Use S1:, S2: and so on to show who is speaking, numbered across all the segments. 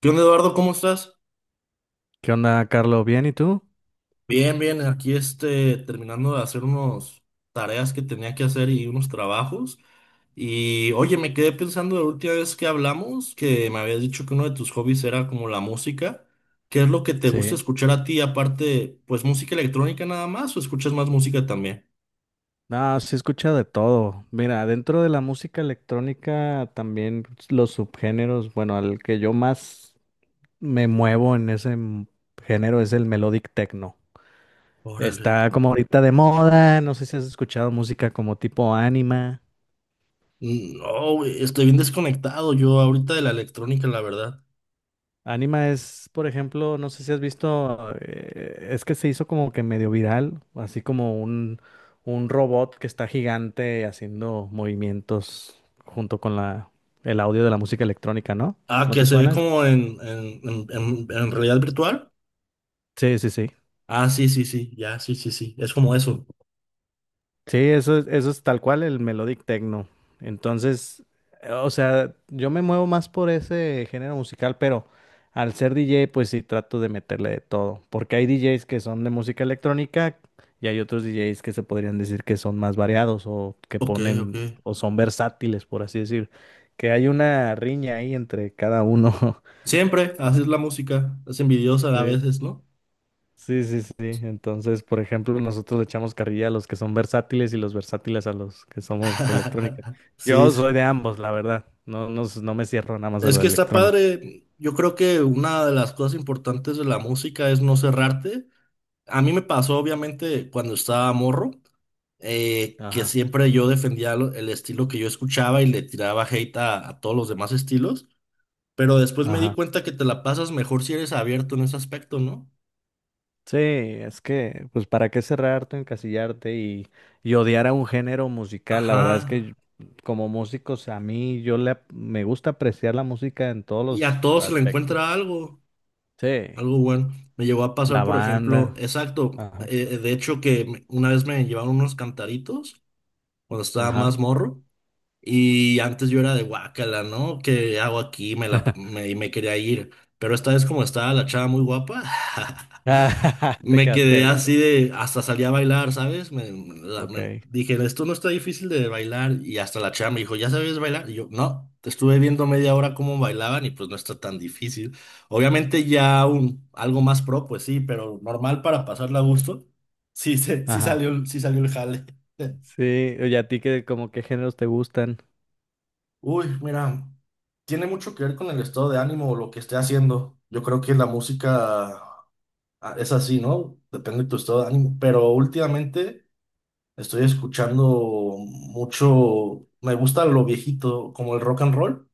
S1: ¿Qué onda, Eduardo? ¿Cómo estás?
S2: ¿Qué onda, Carlos? ¿Bien y tú?
S1: Bien, bien, aquí terminando de hacer unas tareas que tenía que hacer y unos trabajos. Y oye, me quedé pensando la última vez que hablamos, que me habías dicho que uno de tus hobbies era como la música. ¿Qué es lo que te gusta
S2: Sí.
S1: escuchar a ti? Aparte, pues música electrónica nada más, o escuchas más música también.
S2: No, sí escucha de todo. Mira, dentro de la música electrónica también pues, los subgéneros, bueno, al que yo más me muevo en ese género es el melodic techno.
S1: Órale.
S2: Está como ahorita de moda, no sé si has escuchado música como tipo anima.
S1: No, güey, estoy bien desconectado yo ahorita de la electrónica, la verdad.
S2: Anima es, por ejemplo, no sé si has visto, es que se hizo como que medio viral, así como un robot que está gigante haciendo movimientos junto con el audio de la música electrónica, ¿no?
S1: Ah,
S2: ¿No
S1: que
S2: te
S1: se ve
S2: suena eso?
S1: como en realidad virtual.
S2: Sí, sí, sí.
S1: Ah, sí, sí, sí, ya, sí, sí, sí. Es como eso.
S2: Sí, eso es tal cual el melodic techno. Entonces, o sea, yo me muevo más por ese género musical, pero al ser DJ, pues sí trato de meterle de todo, porque hay DJs que son de música electrónica y hay otros DJs que se podrían decir que son más variados o que
S1: Ok, ok.
S2: ponen o son versátiles, por así decir, que hay una riña ahí entre cada uno.
S1: Siempre haces la música. Es envidiosa a
S2: Sí.
S1: veces, ¿no?
S2: Sí, sí, sí. Entonces, por ejemplo, nosotros le echamos carrilla a los que son versátiles y los versátiles a los que somos electrónica.
S1: Sí,
S2: Yo
S1: es
S2: soy de ambos, la verdad. No, no, no me cierro nada más a
S1: es
S2: la
S1: que está
S2: electrónica.
S1: padre. Yo creo que una de las cosas importantes de la música es no cerrarte. A mí me pasó, obviamente, cuando estaba morro, que
S2: Ajá.
S1: siempre yo defendía el estilo que yo escuchaba y le tiraba hate a todos los demás estilos. Pero después me di
S2: Ajá.
S1: cuenta que te la pasas mejor si eres abierto en ese aspecto, ¿no?
S2: Sí, es que, pues, ¿para qué cerrarte, encasillarte y odiar a un género musical? La verdad es que
S1: Ajá.
S2: como músicos, a mí yo le, ap- me gusta apreciar la música en todos
S1: Y a
S2: los
S1: todos se le
S2: aspectos.
S1: encuentra algo,
S2: Sí,
S1: algo bueno. Me llegó a pasar,
S2: la
S1: por ejemplo,
S2: banda.
S1: exacto,
S2: Ajá.
S1: de hecho que una vez me llevaron unos cantaritos cuando estaba
S2: Ajá.
S1: más morro y antes yo era de guácala, ¿no? ¿Qué hago aquí? Me la, pa- me, y me quería ir. Pero esta vez como estaba la chava muy guapa,
S2: Ah, te
S1: me
S2: quedaste
S1: quedé así
S2: ahí.
S1: de... Hasta salí a bailar, ¿sabes?
S2: Ok.
S1: Dije, esto no está difícil de bailar. Y hasta la chava me dijo, ¿ya sabes bailar? Y yo, no, estuve viendo media hora cómo bailaban y pues no está tan difícil. Obviamente ya un, algo más pro, pues sí, pero normal para pasarla a gusto. Sí,
S2: Ajá.
S1: sí salió el jale.
S2: Sí, oye, a ti qué, como qué géneros te gustan.
S1: Uy, mira, tiene mucho que ver con el estado de ánimo o lo que esté haciendo. Yo creo que la música es así, ¿no? Depende de tu estado de ánimo. Pero últimamente estoy escuchando mucho, me gusta lo viejito, como el rock and roll,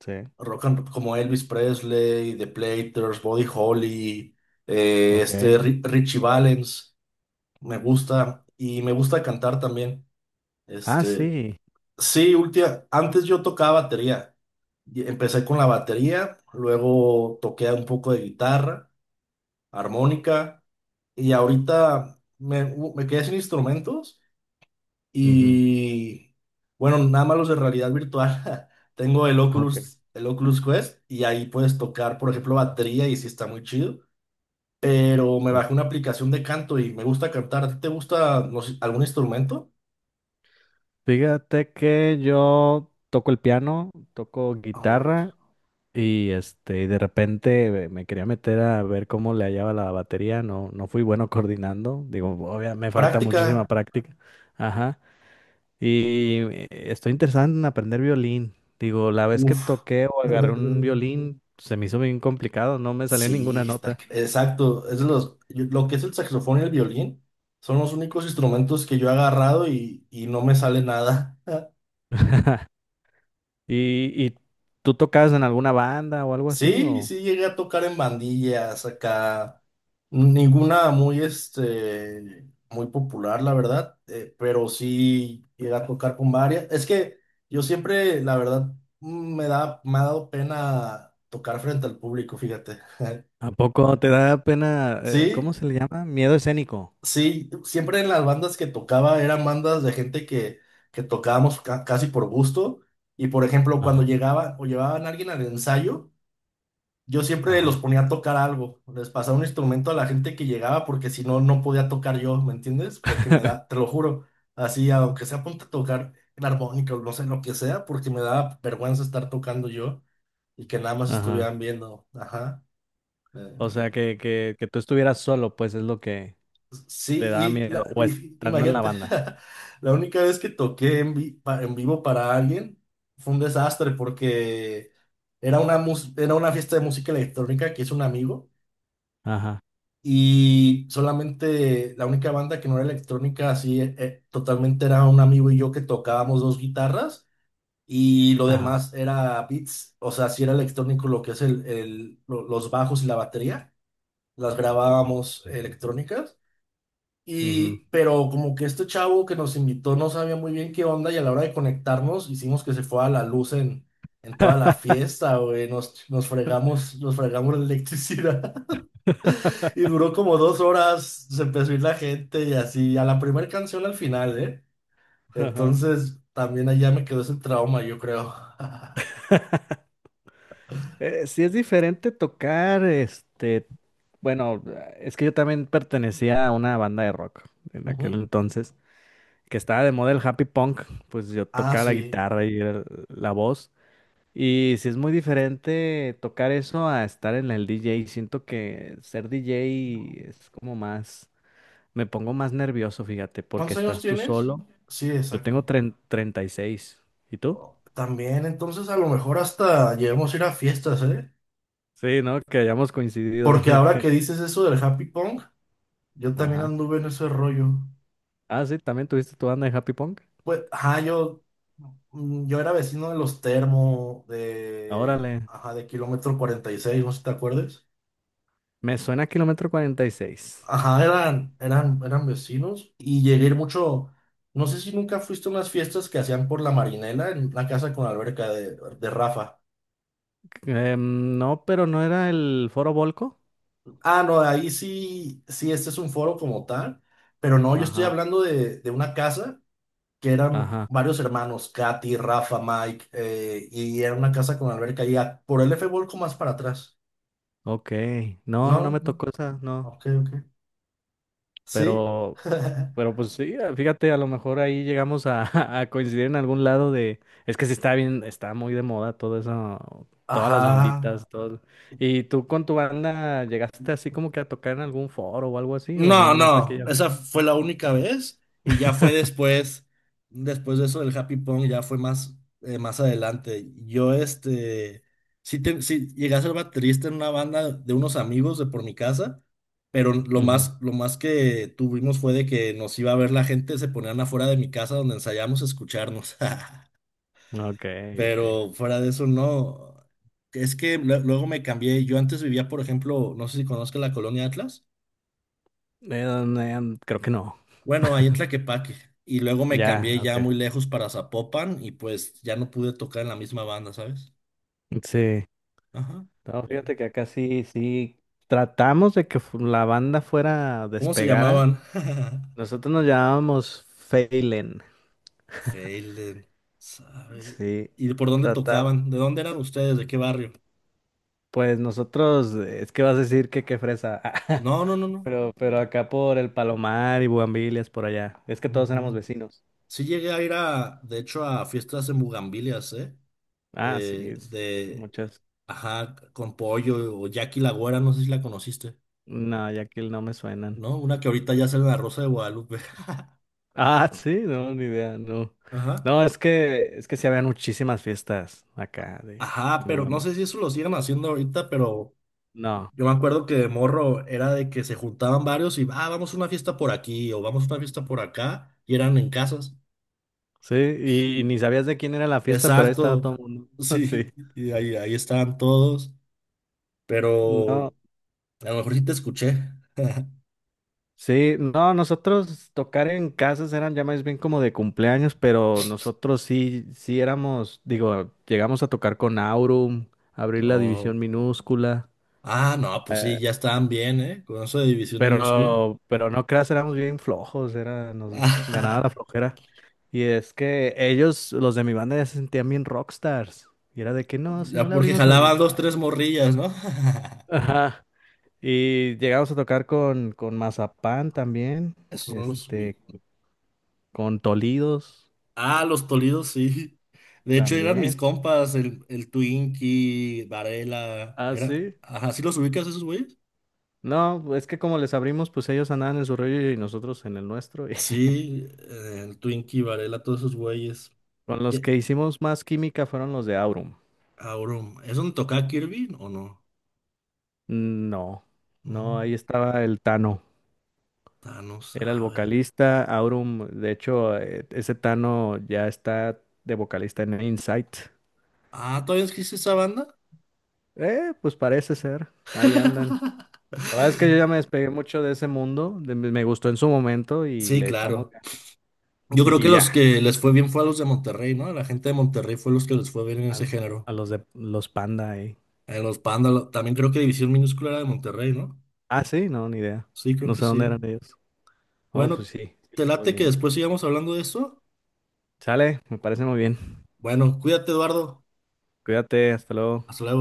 S2: Sí.
S1: como Elvis Presley, The Platters, Buddy Holly,
S2: Ok. Mm.
S1: Richie Valens, me gusta y me gusta cantar también.
S2: Ah,
S1: Este,
S2: sí.
S1: Sí, última, antes yo tocaba batería. Y empecé con la batería, luego toqué un poco de guitarra, armónica, y ahorita me quedé sin instrumentos
S2: Ujú.
S1: y bueno, nada más los de realidad virtual. Tengo
S2: Ok,
S1: El Oculus Quest y ahí puedes tocar, por ejemplo, batería y sí está muy chido, pero me
S2: ok.
S1: bajé una aplicación de canto y me gusta cantar. ¿A ti te gusta no sé, algún instrumento?
S2: Fíjate que yo toco el piano, toco
S1: Ahora,
S2: guitarra y este, de repente me quería meter a ver cómo le hallaba la batería. No, no fui bueno coordinando. Digo, obviamente me falta muchísima
S1: práctica.
S2: práctica. Ajá. Y estoy interesado en aprender violín. Digo, la vez que
S1: Uf.
S2: toqué o agarré un violín, se me hizo bien complicado, no me salía ninguna
S1: Sí, está,
S2: nota.
S1: exacto. Es de los, lo que es el saxofón y el violín son los únicos instrumentos que yo he agarrado y no me sale nada.
S2: Y tú tocabas en alguna banda o algo así?
S1: Sí,
S2: ¿O
S1: sí, llegué a tocar en bandillas acá. Ninguna muy, muy popular, la verdad, pero sí llegué a tocar con varias. Es que yo siempre, la verdad, me ha dado pena tocar frente al público, fíjate.
S2: a poco te da pena, ¿cómo
S1: Sí,
S2: se le llama? Miedo escénico.
S1: Sí, siempre en las bandas que tocaba eran bandas de gente que tocábamos casi por gusto. Y por ejemplo, cuando
S2: Ajá,
S1: llegaba o llevaban a alguien al ensayo, yo siempre los
S2: ajá,
S1: ponía a tocar algo. Les pasaba un instrumento a la gente que llegaba porque si no, no podía tocar yo, ¿me entiendes? De que me da, te lo juro. Así, aunque sea ponte a tocar el armónica o no sé lo que sea, porque me daba vergüenza estar tocando yo y que nada más
S2: ajá.
S1: estuvieran viendo. Ajá. Eh,
S2: O sea, que tú estuvieras solo, pues es lo que
S1: Sí,
S2: te da
S1: y
S2: miedo,
S1: la-
S2: o
S1: y-
S2: estando en la
S1: imagínate,
S2: banda.
S1: la única vez que toqué en vivo para alguien fue un desastre porque era era una fiesta de música electrónica que hizo un amigo
S2: Ajá,
S1: y solamente la única banda que no era electrónica así totalmente era un amigo y yo que tocábamos dos guitarras y lo
S2: ajá.
S1: demás era beats, o sea, sí era electrónico lo que es los bajos y la batería, las grabábamos electrónicas
S2: Ujú.
S1: y, pero como que este chavo que nos invitó no sabía muy bien qué onda y a la hora de conectarnos hicimos que se fuera la luz en toda la fiesta, güey. Nos fregamos la electricidad y duró como 2 horas, se empezó a ir la gente y así, a la primera canción al final, ¿eh?
S2: Ajá.
S1: Entonces también allá me quedó ese trauma, yo creo.
S2: Sí es diferente tocar, bueno, es que yo también pertenecía a una banda de rock en aquel
S1: Ujú.
S2: entonces, que estaba de moda el happy punk, pues yo
S1: Ah,
S2: tocaba la
S1: sí.
S2: guitarra y era la voz. Y si es muy diferente tocar eso a estar en el DJ. Siento que ser DJ es como más, me pongo más nervioso, fíjate, porque
S1: ¿Cuántos años
S2: estás tú
S1: tienes?
S2: solo.
S1: Sí,
S2: Yo tengo
S1: exacto.
S2: treinta ¿Y seis y tú?
S1: También, entonces a lo mejor hasta llevemos a ir a fiestas, ¿eh?
S2: Sí, ¿no? Que hayamos coincidido
S1: Porque
S2: de
S1: ahora que
S2: que...
S1: dices eso del Happy Pong, yo también
S2: Ajá.
S1: anduve en ese rollo.
S2: Ah, sí, también tuviste tu banda de Happy Punk.
S1: Pues, ajá, yo era vecino de los Termo, de,
S2: Órale.
S1: ajá, de kilómetro 46, no sé si te acuerdas.
S2: Me suena a Kilómetro 46.
S1: Ajá, eran vecinos y llegué a ir mucho. No sé si nunca fuiste a unas fiestas que hacían por la Marinela en la casa con alberca de Rafa.
S2: Em, no, pero no era el Foro Volco.
S1: Ah, no, ahí sí, sí, este es un foro como tal, pero no, yo estoy
S2: Ajá.
S1: hablando de una casa que eran
S2: Ajá.
S1: varios hermanos, Katy, Rafa, Mike, y era una casa con alberca y por el F Volco más para atrás.
S2: Ok, no, no
S1: No,
S2: me
S1: no,
S2: tocó esa, no,
S1: ok, ok. Sí.
S2: pero, pero pues sí, ah, fíjate, a lo mejor ahí llegamos a, a coincidir en algún lado de, es que sí está bien, está muy de moda todo eso, todas las
S1: Ajá.
S2: banditas, todo. ¿Y tú con tu banda llegaste así como que a tocar en algún foro o algo así, o
S1: No,
S2: nada más
S1: no,
S2: aquella vez?
S1: esa fue la única vez y ya fue después, después de eso del Happy Pong, ya fue más, más adelante. Sí, sí llegué a ser baterista en una banda de unos amigos de por mi casa, pero
S2: Ujú,
S1: lo más que tuvimos fue de que nos iba a ver la gente, se ponían afuera de mi casa donde ensayamos a escucharnos,
S2: ok, ok.
S1: pero fuera de eso no. Es que luego me cambié, yo antes vivía, por ejemplo, no sé si conozca la colonia Atlas.
S2: No, no, creo que no.
S1: Bueno, ahí en Tlaquepaque. Y luego me
S2: Ya,
S1: cambié ya
S2: ok.
S1: muy lejos para Zapopan y pues ya no pude tocar en la misma banda, ¿sabes?
S2: Sí.
S1: Ajá.
S2: No,
S1: Pero,
S2: fíjate que acá sí, sí. Tratamos de que la banda fuera
S1: ¿cómo se
S2: despegara.
S1: llamaban?
S2: Nosotros nos llamábamos Phelan.
S1: Feilen, ¿sabe?
S2: Sí,
S1: ¿Y por dónde
S2: tratamos.
S1: tocaban? ¿De dónde eran ustedes? ¿De qué barrio?
S2: Pues nosotros, es que vas a decir que qué fresa.
S1: No, no, no, no.
S2: Pero acá por el Palomar y Bugambilias, por allá. Es que todos éramos
S1: Ujú.
S2: vecinos.
S1: Sí llegué a ir a, de hecho, a fiestas en Bugambilias, ¿eh?
S2: Ah, sí,
S1: Eh, de,
S2: muchas.
S1: ajá, con pollo o Jackie la Güera, no sé si la conociste,
S2: No, ya que no me suenan.
S1: ¿no? Una que ahorita ya sale en la Rosa de Guadalupe.
S2: Ah, sí, no, ni idea, no.
S1: Ajá.
S2: No, es que sí había muchísimas fiestas acá de
S1: Ajá,
S2: en
S1: pero no
S2: Bugambilias.
S1: sé si eso lo siguen haciendo ahorita, pero
S2: No,
S1: yo me acuerdo que de morro era de que se juntaban varios y, ah, vamos a una fiesta por aquí o vamos a una fiesta por acá, y eran en casas.
S2: sí, y ni sabías de quién era la fiesta, pero ahí estaba todo
S1: Exacto,
S2: el mundo.
S1: sí,
S2: Sí.
S1: y ahí, ahí estaban todos,
S2: No.
S1: pero a lo mejor sí te escuché.
S2: Sí, no, nosotros tocar en casas eran ya más bien como de cumpleaños, pero nosotros sí, sí éramos, digo, llegamos a tocar con Aurum, abrir la
S1: No,
S2: división minúscula,
S1: ah, no, pues sí,
S2: eh,
S1: ya estaban bien, ¿eh? Con eso de división minúscula.
S2: pero no creas, éramos bien flojos, era, nos ganaba la flojera. Y es que ellos, los de mi banda, ya se sentían bien rockstars. Y era de que no, si no
S1: Ya
S2: le
S1: porque
S2: abrimos al... Y
S1: jalaban
S2: yo,
S1: dos, tres morrillas, ¿no?
S2: ajá. Y llegamos a tocar con Mazapán también,
S1: Eso
S2: este, con Tolidos.
S1: Ah, los Toledos, sí. De hecho, eran mis
S2: También.
S1: compas, el Twinkie, Varela,
S2: Ah,
S1: era...
S2: sí.
S1: Ajá, ¿sí los ubicas esos güeyes?
S2: No, es que como les abrimos, pues ellos andaban en su rollo y nosotros en el nuestro, y
S1: Sí, el Twinkie, Varela, todos esos güeyes.
S2: con los
S1: ¿Qué?
S2: que hicimos más química fueron los de Aurum.
S1: Aurum, ¿es donde tocaba Kirby o no?
S2: No, no,
S1: No,
S2: ahí estaba el Tano.
S1: ah, no
S2: Era el
S1: sabe.
S2: vocalista. Aurum, de hecho, ese Tano ya está de vocalista en Insight.
S1: Ah, ¿todavía existe esa banda?
S2: Pues parece ser. Ahí andan. La verdad es que yo ya me despegué mucho de ese mundo, me gustó en su momento y
S1: Sí,
S2: le echamos
S1: claro.
S2: ganas.
S1: Yo creo que
S2: Y
S1: los
S2: ya.
S1: que les fue bien fue a los de Monterrey, ¿no? A la gente de Monterrey fue los que les fue bien en ese
S2: Al,
S1: género.
S2: a los de los Panda ahí.
S1: En los Panda, también creo que División Minúscula era de Monterrey, ¿no?
S2: Ah, sí, no, ni idea.
S1: Sí, creo
S2: No
S1: que
S2: sé dónde
S1: sí.
S2: eran ellos. Oh,
S1: Bueno,
S2: pues sí, sí
S1: ¿te
S2: les fue
S1: late que
S2: bien.
S1: después sigamos hablando de eso?
S2: Sale, me parece muy bien.
S1: Bueno, cuídate, Eduardo.
S2: Cuídate, hasta luego.
S1: Hasta luego.